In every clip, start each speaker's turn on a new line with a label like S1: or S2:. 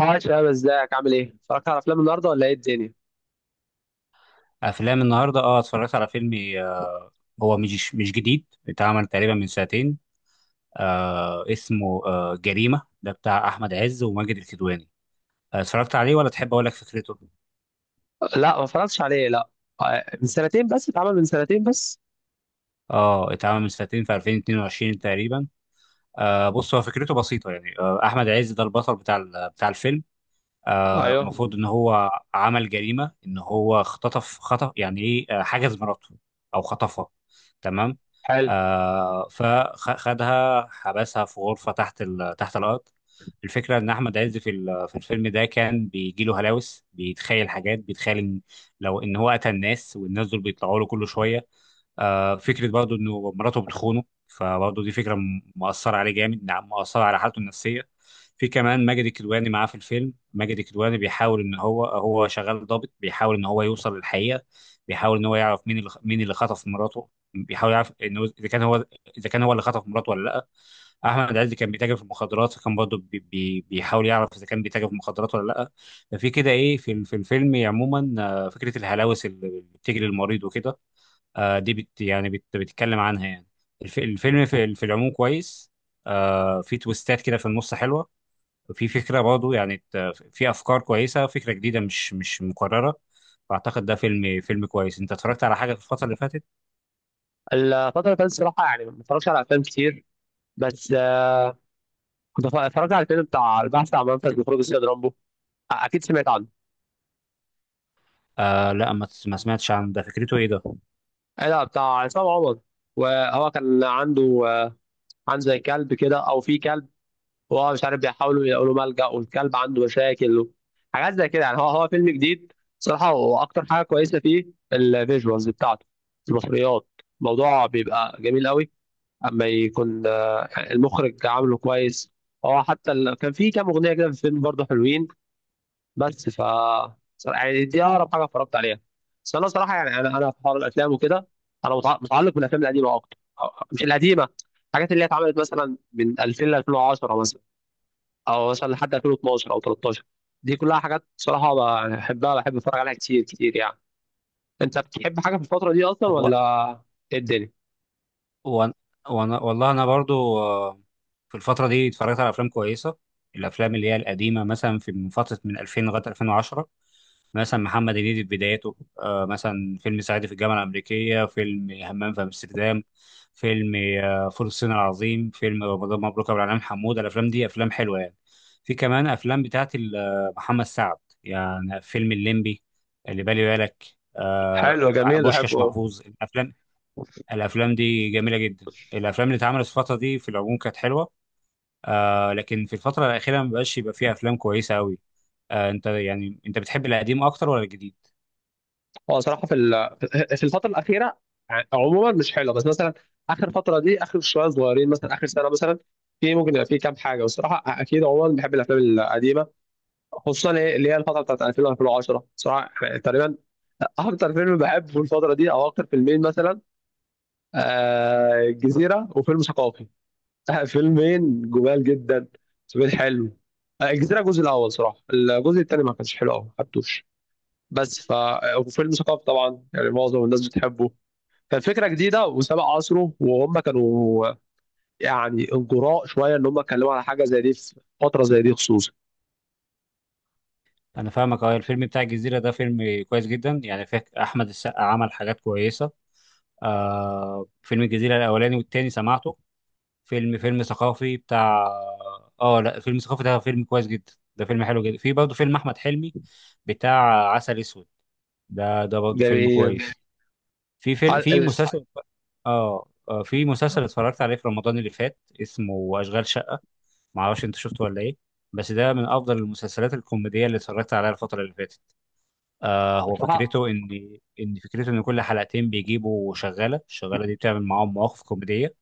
S1: هاي شباب، ازيك؟ عامل ايه؟ اتفرجت على افلام النهارده ولا ايه الدنيا؟
S2: افلام النهارده، اتفرجت على فيلم. آه، هو مش جديد، اتعمل تقريبا من سنتين. اسمه جريمه، ده بتاع احمد عز وماجد الكدواني. اتفرجت عليه ولا تحب اقول لك فكرته؟
S1: لا، ما اتفرجتش عليه لا. من سنتين بس. اتعمل من سنتين بس.
S2: اه اتعمل من سنتين، في 2022 تقريبا. بص، هو فكرته بسيطه يعني، احمد عز ده البطل بتاع بتاع الفيلم.
S1: ايوه،
S2: المفروض ان هو عمل جريمه، ان هو اختطف، خطف يعني ايه، حجز مراته او خطفها. تمام.
S1: حلو.
S2: فخدها، حبسها في غرفه تحت تحت الارض. الفكره ان احمد عز في في الفيلم ده كان بيجي له هلاوس، بيتخيل حاجات، بيتخيل ان لو ان هو قتل الناس، والناس دول بيطلعوا له كل شويه. فكره برضه انه مراته بتخونه، فبرضه دي فكره مأثره عليه جامد، نعم، مأثره على حالته النفسيه. في كمان ماجد الكدواني معاه في الفيلم. ماجد الكدواني بيحاول ان هو شغال ضابط، بيحاول ان هو يوصل للحقيقه. بيحاول ان هو يعرف مين اللي خطف مراته، بيحاول يعرف انه اذا كان هو، اذا كان هو اللي خطف مراته ولا لا. احمد عز كان بيتاجر في المخدرات، فكان برضه بي بي بيحاول يعرف اذا كان بيتاجر في المخدرات ولا لا. ففي كده ايه في في الفيلم عموما. فكره الهلاوس اللي بتجري المريض وكده، دي بت يعني بت بتتكلم عنها يعني. الفيلم في العموم كويس. في تويستات كده في النص حلوة. في فكرة برضه يعني في أفكار كويسة، فكرة جديدة مش مكررة. فأعتقد ده فيلم كويس. أنت اتفرجت على حاجة في الفترة اللي فاتت؟
S1: الفترة اللي فاتت صراحة يعني ما اتفرجتش على افلام كتير، بس كنت اتفرجت على الفيلم بتاع البحث عن منفذ لخروج السيد رامبو. اكيد سمعت عنه.
S2: لا، ما سمعتش عن ده، فكرته إيه ده؟
S1: ايه ده؟ بتاع عصام عمر، وهو كان عنده عنده زي كلب كده، او في كلب وهو مش عارف، بيحاولوا يلاقوا له ملجأ والكلب عنده مشاكل، حاجات زي كده يعني. هو فيلم جديد صراحة، وأكتر حاجة كويسة فيه الفيجوالز بتاعته، المصريات، الموضوع بيبقى جميل قوي. أما يكون المخرج عامله كويس. هو حتى كان في كام أغنية كده في الفيلم برضه حلوين. بس ف صراحة يعني دي أقرب حاجة اتفرجت عليها. بس أنا صراحة يعني، أنا في حوار الأفلام وكده، أنا متعلق بالأفلام القديمة أكتر، مش القديمة، الحاجات اللي هي اتعملت مثلا من 2000 ل 2010 مثلا، او مثلا لحد 2012 او 13، دي كلها حاجات صراحه بحبها، بحب اتفرج عليها كتير كتير يعني. انت بتحب حاجه في الفتره دي اصلا
S2: هو
S1: ولا ايه الدنيا؟
S2: وأنا والله أنا برضو، في الفترة دي اتفرجت على أفلام كويسة. الأفلام اللي هي القديمة مثلا، في من فترة من 2000 لغاية 2010. مثلا محمد هنيدي في بداياته، مثلا فيلم صعيدي في الجامعة الأمريكية، فيلم همام في أمستردام، فيلم فول الصين العظيم، فيلم رمضان مبروك أبو العلام حمودة. الأفلام دي أفلام حلوة يعني. في كمان أفلام بتاعت محمد سعد، يعني فيلم الليمبي، اللي بالي بالك. آه،
S1: حلو، جميل، احبه
S2: بوشكاش،
S1: أوي.
S2: محفوظ. الأفلام دي جميلة جدا، الأفلام اللي اتعملت في الفترة دي في العموم كانت حلوة. لكن في الفترة الأخيرة ما بقاش يبقى فيها أفلام كويسة أوي. أنت بتحب القديم أكتر ولا الجديد؟
S1: هو صراحه في الفتره الاخيره عموما مش حلوه. بس مثلا اخر فتره دي، اخر شويه صغيرين، مثلا اخر سنه مثلا، في ممكن يبقى في كام حاجه. والصراحه اكيد عموما بحب الافلام القديمه، خصوصا إيه اللي هي الفتره بتاعت 2000 و 2010 صراحه. يعني تقريبا اكتر فيلم بحبه الفتره دي، او اكتر فيلمين مثلا، الجزيرة وفيلم ثقافي. فيلمين جمال جدا، فيلمين حلو. الجزيرة الجزء الأول صراحة. الجزء التاني ما كانش حلو أوي، ما حبتوش. بس ف آه، وفيلم ثقافي طبعا يعني معظم الناس بتحبه، كان فكرة جديدة وسبق عصره. وهم كانوا يعني انجراء شوية إن هم اتكلموا على حاجة زي دي في فترة زي دي خصوصا.
S2: انا فاهمك. اه الفيلم بتاع الجزيره ده فيلم كويس جدا يعني، فيه احمد السقا عمل حاجات كويسه. فيلم الجزيره الاولاني والتاني سمعته. فيلم ثقافي بتاع. اه لا، فيلم ثقافي ده فيلم كويس جدا، ده فيلم حلو جدا. في برضه فيلم احمد حلمي بتاع عسل اسود، ده برضه فيلم
S1: جميل.
S2: كويس.
S1: على-
S2: في
S1: ال-
S2: مسلسل، اه في مسلسل اتفرجت عليه في رمضان اللي فات اسمه اشغال شقه. معرفش انت شفته ولا ايه، بس ده من افضل المسلسلات الكوميديه اللي اتفرجت عليها الفتره اللي فاتت. هو
S1: صراحة،
S2: فكرته ان، فكرته ان كل حلقتين بيجيبوا شغاله، الشغاله دي بتعمل معاهم مواقف كوميديه.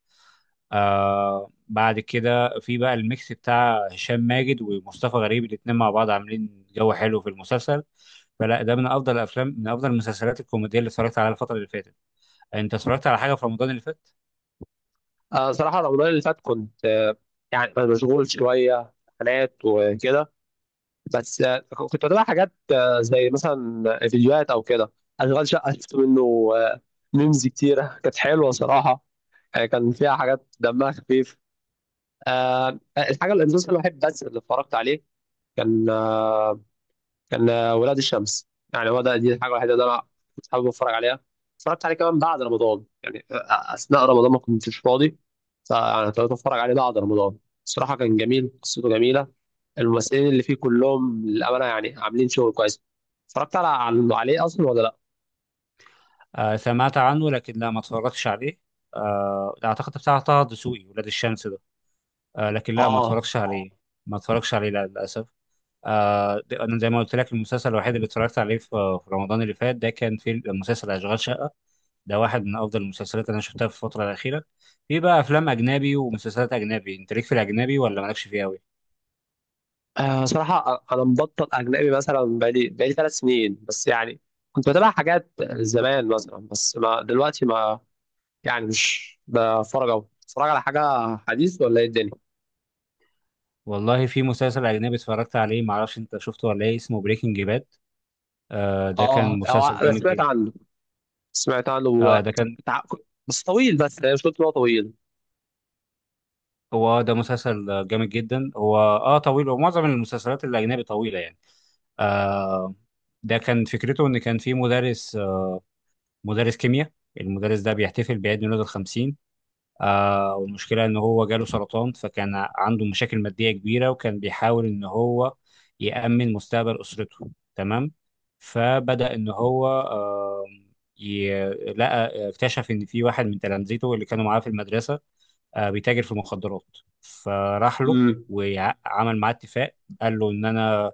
S2: بعد كده في بقى الميكس بتاع هشام ماجد ومصطفى غريب، الاتنين مع بعض عاملين جو حلو في المسلسل. فلا ده من افضل من افضل المسلسلات الكوميديه اللي اتفرجت عليها الفتره اللي فاتت. انت اتفرجت على حاجه في رمضان اللي فات؟
S1: صراحة رمضان اللي فات كنت يعني مشغول شوية، امتحانات وكده، بس كنت بتابع حاجات، زي مثلا فيديوهات او كده. اشغال شقه شفت منه آه، ميمز كتيره، كانت حلوه صراحه، كان فيها حاجات دمها خفيف. الحاجه، الانجاز الوحيد بس اللي اتفرجت عليه كان ولاد الشمس. يعني هو ده دي الحاجه الوحيده اللي انا كنت حابب اتفرج عليها. اتفرجت عليه كمان بعد رمضان، يعني اثناء رمضان ما كنتش فاضي، فانا ابتديت اتفرج عليه بعد رمضان. الصراحه كان جميل، قصته جميله، الممثلين اللي فيه كلهم للامانه يعني عاملين شغل كويس. اتفرجت على عليه اصلا ولا لا؟
S2: سمعت عنه، لكن لا، ما اتفرجتش عليه. اعتقد بتاع طه دسوقي، ولاد الشمس ده. لكن لا، ما
S1: اه.
S2: اتفرجتش عليه. ما اتفرجش عليه، لا، للاسف. انا زي ما قلت لك، المسلسل الوحيد اللي اتفرجت عليه في رمضان اللي فات، ده كان في مسلسل اشغال شقه. ده واحد من افضل المسلسلات اللي انا شفتها في الفتره الاخيره. في بقى افلام اجنبي ومسلسلات اجنبي، انت ليك في الاجنبي ولا مالكش فيه قوي؟
S1: صراحه انا مبطل اجنبي مثلا، بقالي ثلاث سنين بس يعني. كنت بتابع حاجات زمان مثلا، بس ما دلوقتي ما، يعني مش بتفرج أوي. بتتفرج على حاجة حديث ولا إيه الدنيا؟
S2: والله، في مسلسل اجنبي اتفرجت عليه، ما اعرفش انت شفته ولا ايه، اسمه بريكنج باد. ده كان
S1: هو
S2: مسلسل
S1: أنا
S2: جامد
S1: سمعت
S2: جدا.
S1: عنه، سمعت عنه
S2: اه ده كان
S1: بتاع- بس طويل، بس أنا مش قلت إن هو طويل.
S2: هو ده مسلسل جامد جدا، هو طويل، ومعظم المسلسلات الاجنبي طويله يعني. آه ده كان فكرته ان كان في مدرس، مدرس كيمياء. المدرس ده بيحتفل بعيد ميلاده الخمسين. والمشكلة إن هو جاله سرطان، فكان عنده مشاكل مادية كبيرة، وكان بيحاول إن هو يأمن مستقبل أسرته. تمام. فبدأ إن هو ي- لقى اكتشف إن في واحد من تلامذته اللي كانوا معاه في المدرسة بيتاجر في مخدرات، فراح له
S1: امم،
S2: وعمل معاه اتفاق. قال له إن أنا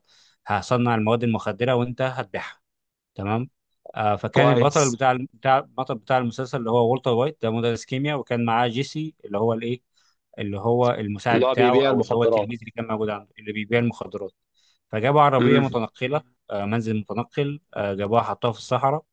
S2: هصنع المواد المخدرة وأنت هتبيعها. تمام. فكان
S1: كويس.
S2: البطل بتاع المسلسل اللي هو والتر وايت، ده مدرس كيمياء، وكان معاه جيسي، اللي هو المساعد
S1: اللي هو
S2: بتاعه،
S1: بيبيع
S2: او اللي هو
S1: المخدرات.
S2: التلميذ اللي كان موجود عنده، اللي بيبيع المخدرات. فجابوا عربيه
S1: امم.
S2: متنقله، منزل متنقل، جابوها حطوها في الصحراء،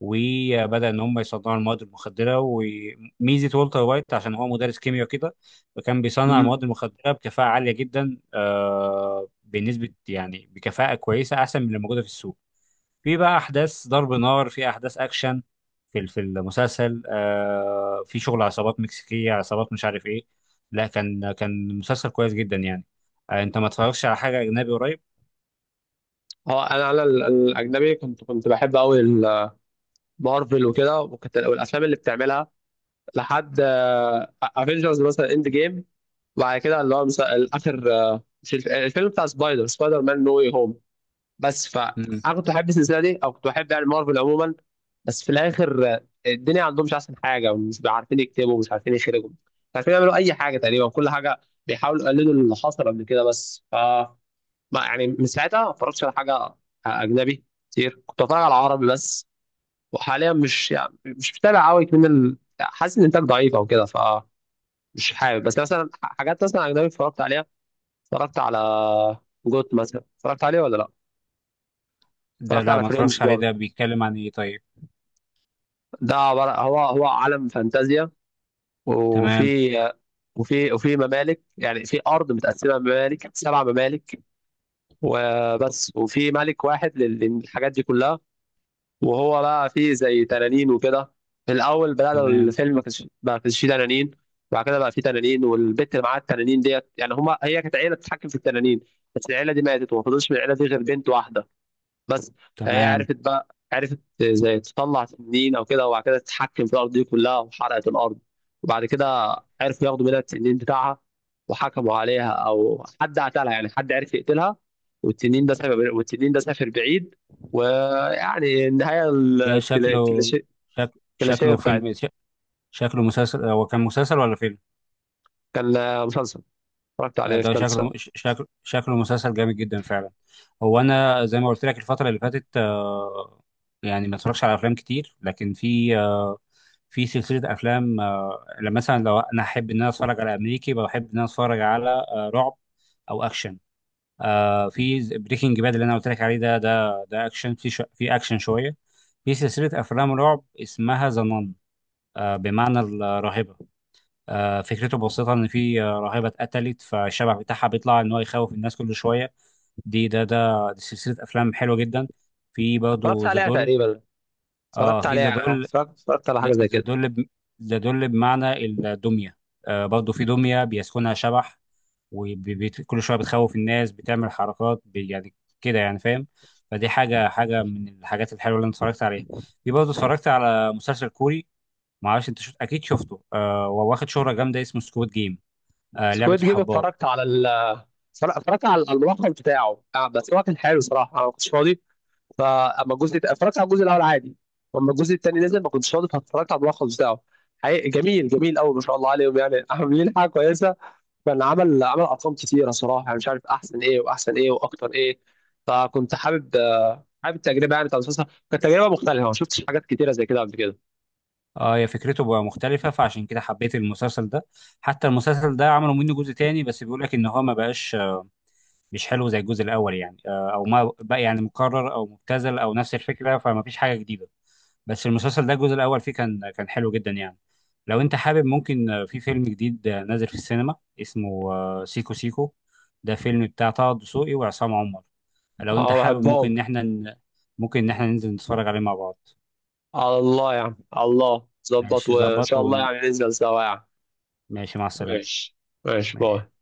S2: وبدأ إن هم يصنعوا المواد المخدرة. وميزة والتر وايت عشان هو مدرس كيمياء كده، فكان بيصنع المواد
S1: امم.
S2: المخدرة بكفاءة عالية جدا، بنسبة يعني بكفاءة كويسة أحسن من اللي موجودة في السوق. في بقى أحداث ضرب نار، في أحداث أكشن في المسلسل، في شغل عصابات مكسيكية، عصابات مش عارف إيه. لا، كان مسلسل كويس جدا يعني. أنت ما اتفرجتش على حاجة أجنبي قريب؟
S1: هو الأجنبي، كنت بحب أوي مارفل وكده، وكنت والأفلام اللي بتعملها لحد افنجرز مثلا، اند جيم، وبعد كده اللي هو مثلا آخر آه، مش الف- الفيلم بتاع سبايدر مان نو واي هوم. فانا
S2: مم.
S1: كنت بحب السلسله دي، او كنت بحب يعني مارفل عموما. بس في الاخر الدنيا عندهم مش احسن حاجه، مش عارفين يكتبوا، مش عارفين يخرجوا، مش عارفين يعملوا اي حاجه. تقريبا كل حاجه بيحاولوا يقلدوا اللي حصل قبل كده. بس ف ما- يعني من ساعتها ما اتفرجتش على حاجه اجنبي كتير. كنت بتفرج على عربي بس. وحاليا مش، يعني مش متابع قوي، حاسس ان الانتاج ضعيف او كده، فمش حابب. بس مثلا حاجات مثلا اجنبي اتفرجت عليها، اتفرجت على جوت مثلا. اتفرجت عليه ولا لا؟
S2: ده،
S1: اتفرجت
S2: لا،
S1: على
S2: ما
S1: فريندز
S2: اتفرجش عليه، ده
S1: برضه.
S2: بيتكلم عن إيه طيب؟
S1: ده عبارة، هو عالم فانتازيا،
S2: تمام.
S1: وفي وفي ممالك، يعني في أرض متقسمة، ممالك، سبع ممالك، وبس. وفي ملك واحد للحاجات دي كلها. وهو بقى فيه زي تنانين وكده. في الأول بدأنا
S2: تمام.
S1: الفيلم ما كانش فيه تنانين، بعد كده بقى فيه تنانين. والبت اللي معاها التنانين ديت، يعني هما، هي كانت عيلة بتتحكم في التنانين، بس العيلة دي ماتت وما فضلش من العيلة دي غير بنت واحدة بس. فهي
S2: تمام.
S1: عرفت بقى، عرفت زي تطلع تنين او كده، وبعد كده تتحكم في الارض دي كلها وحرقت الارض. وبعد كده عرفوا ياخدوا منها التنين بتاعها، وحكموا عليها، او حد قتلها يعني، حد عرف يقتلها. والتنين ده سافر، والتنين ده سافر بعيد. ويعني النهايه
S2: ده شكله
S1: الكلاشيه،
S2: شك...
S1: الكلاشيه
S2: شكله
S1: بتاعت.
S2: فيلم شكله مسلسل، هو كان مسلسل ولا فيلم؟
S1: كان مسلسل، اتفرجت عليه في
S2: ده
S1: ثالثه ثانوي.
S2: شكله مسلسل جامد جدا فعلا. انا زي ما قلت لك الفترة اللي فاتت، يعني ما اتفرجش على افلام كتير، لكن في، في سلسلة افلام، لما مثلا لو انا احب ان انا اتفرج على امريكي، بحب ان انا اتفرج على رعب او اكشن. في بريكنج باد اللي انا قلت لك عليه ده، اكشن، في اكشن شوية. في سلسلة افلام رعب اسمها ذا نان، بمعنى الراهبة. فكرته بسيطة إن في راهبة اتقتلت، فالشبح بتاعها بيطلع إن هو يخوف الناس كل شوية. دي ده ده دي سلسلة أفلام حلوة جدا. في
S1: اتفرجت
S2: برضه ذا
S1: عليها
S2: دول.
S1: تقريبا، اتفرجت
S2: في
S1: عليها
S2: ذا
S1: يعني،
S2: دول.
S1: اتفرجت على حاجه زي
S2: ذا
S1: كده.
S2: دول ب- ذا دول بمعنى الدمية. برضه في دمية بيسكنها شبح، وكل شوية بتخوف الناس، بتعمل حركات، يعني كده، يعني فاهم. فدي حاجة من الحاجات الحلوة اللي أنا اتفرجت عليها. في برضه اتفرجت على مسلسل كوري، ما اعرفش انت شفت، اكيد شفته، وواخد شهرة جامدة، اسمه سكواد جيم، لعبة
S1: سكويد جيم
S2: الحبار.
S1: اتفرجت على، صراحة اتفرجت على على الملخص بتاعه، بس هو كان حلو. صراحة أنا ما كنتش فاضي، اتفرجت على الجزء الأول عادي. وأما الجزء التاني نزل ما كنتش فاضي، فاتفرجت على الملخص بتاعه. حقيقي جميل، جميل قوي، ما شاء الله عليهم يعني. عاملين حاجة كويسة، كان عمل أرقام كتيرة صراحة. يعني مش عارف أحسن إيه، وأحسن إيه، وأكتر إيه. فكنت حابب حابب التجربة يعني بتاع المسلسل، كانت تجربة مختلفة، ما شفتش حاجات كتيرة زي كده قبل كده.
S2: اه هي فكرته بقى مختلفة، فعشان كده حبيت المسلسل ده. حتى المسلسل ده عملوا منه جزء تاني، بس بيقول لك ان هو ما بقاش، مش حلو زي الجزء الاول يعني، او ما بقى يعني مكرر او مبتذل او نفس الفكرة، فما فيش حاجة جديدة. بس المسلسل ده الجزء الاول فيه كان حلو جدا يعني. لو انت حابب ممكن، في فيلم جديد نازل في السينما، اسمه سيكو سيكو. ده فيلم بتاع طه دسوقي وعصام عمر. لو انت
S1: أه،
S2: حابب ممكن
S1: بحبهم.
S2: ان احنا. ممكن ان احنا ننزل نتفرج عليه مع بعض.
S1: على الله يعني، على الله ظبط
S2: ماشي،
S1: وإن
S2: ظبط
S1: شاء الله
S2: وماشي.
S1: يعني ننزل سوا يعني.
S2: مع السلامة.
S1: ماشي. ماشي،
S2: ماشي.
S1: باي.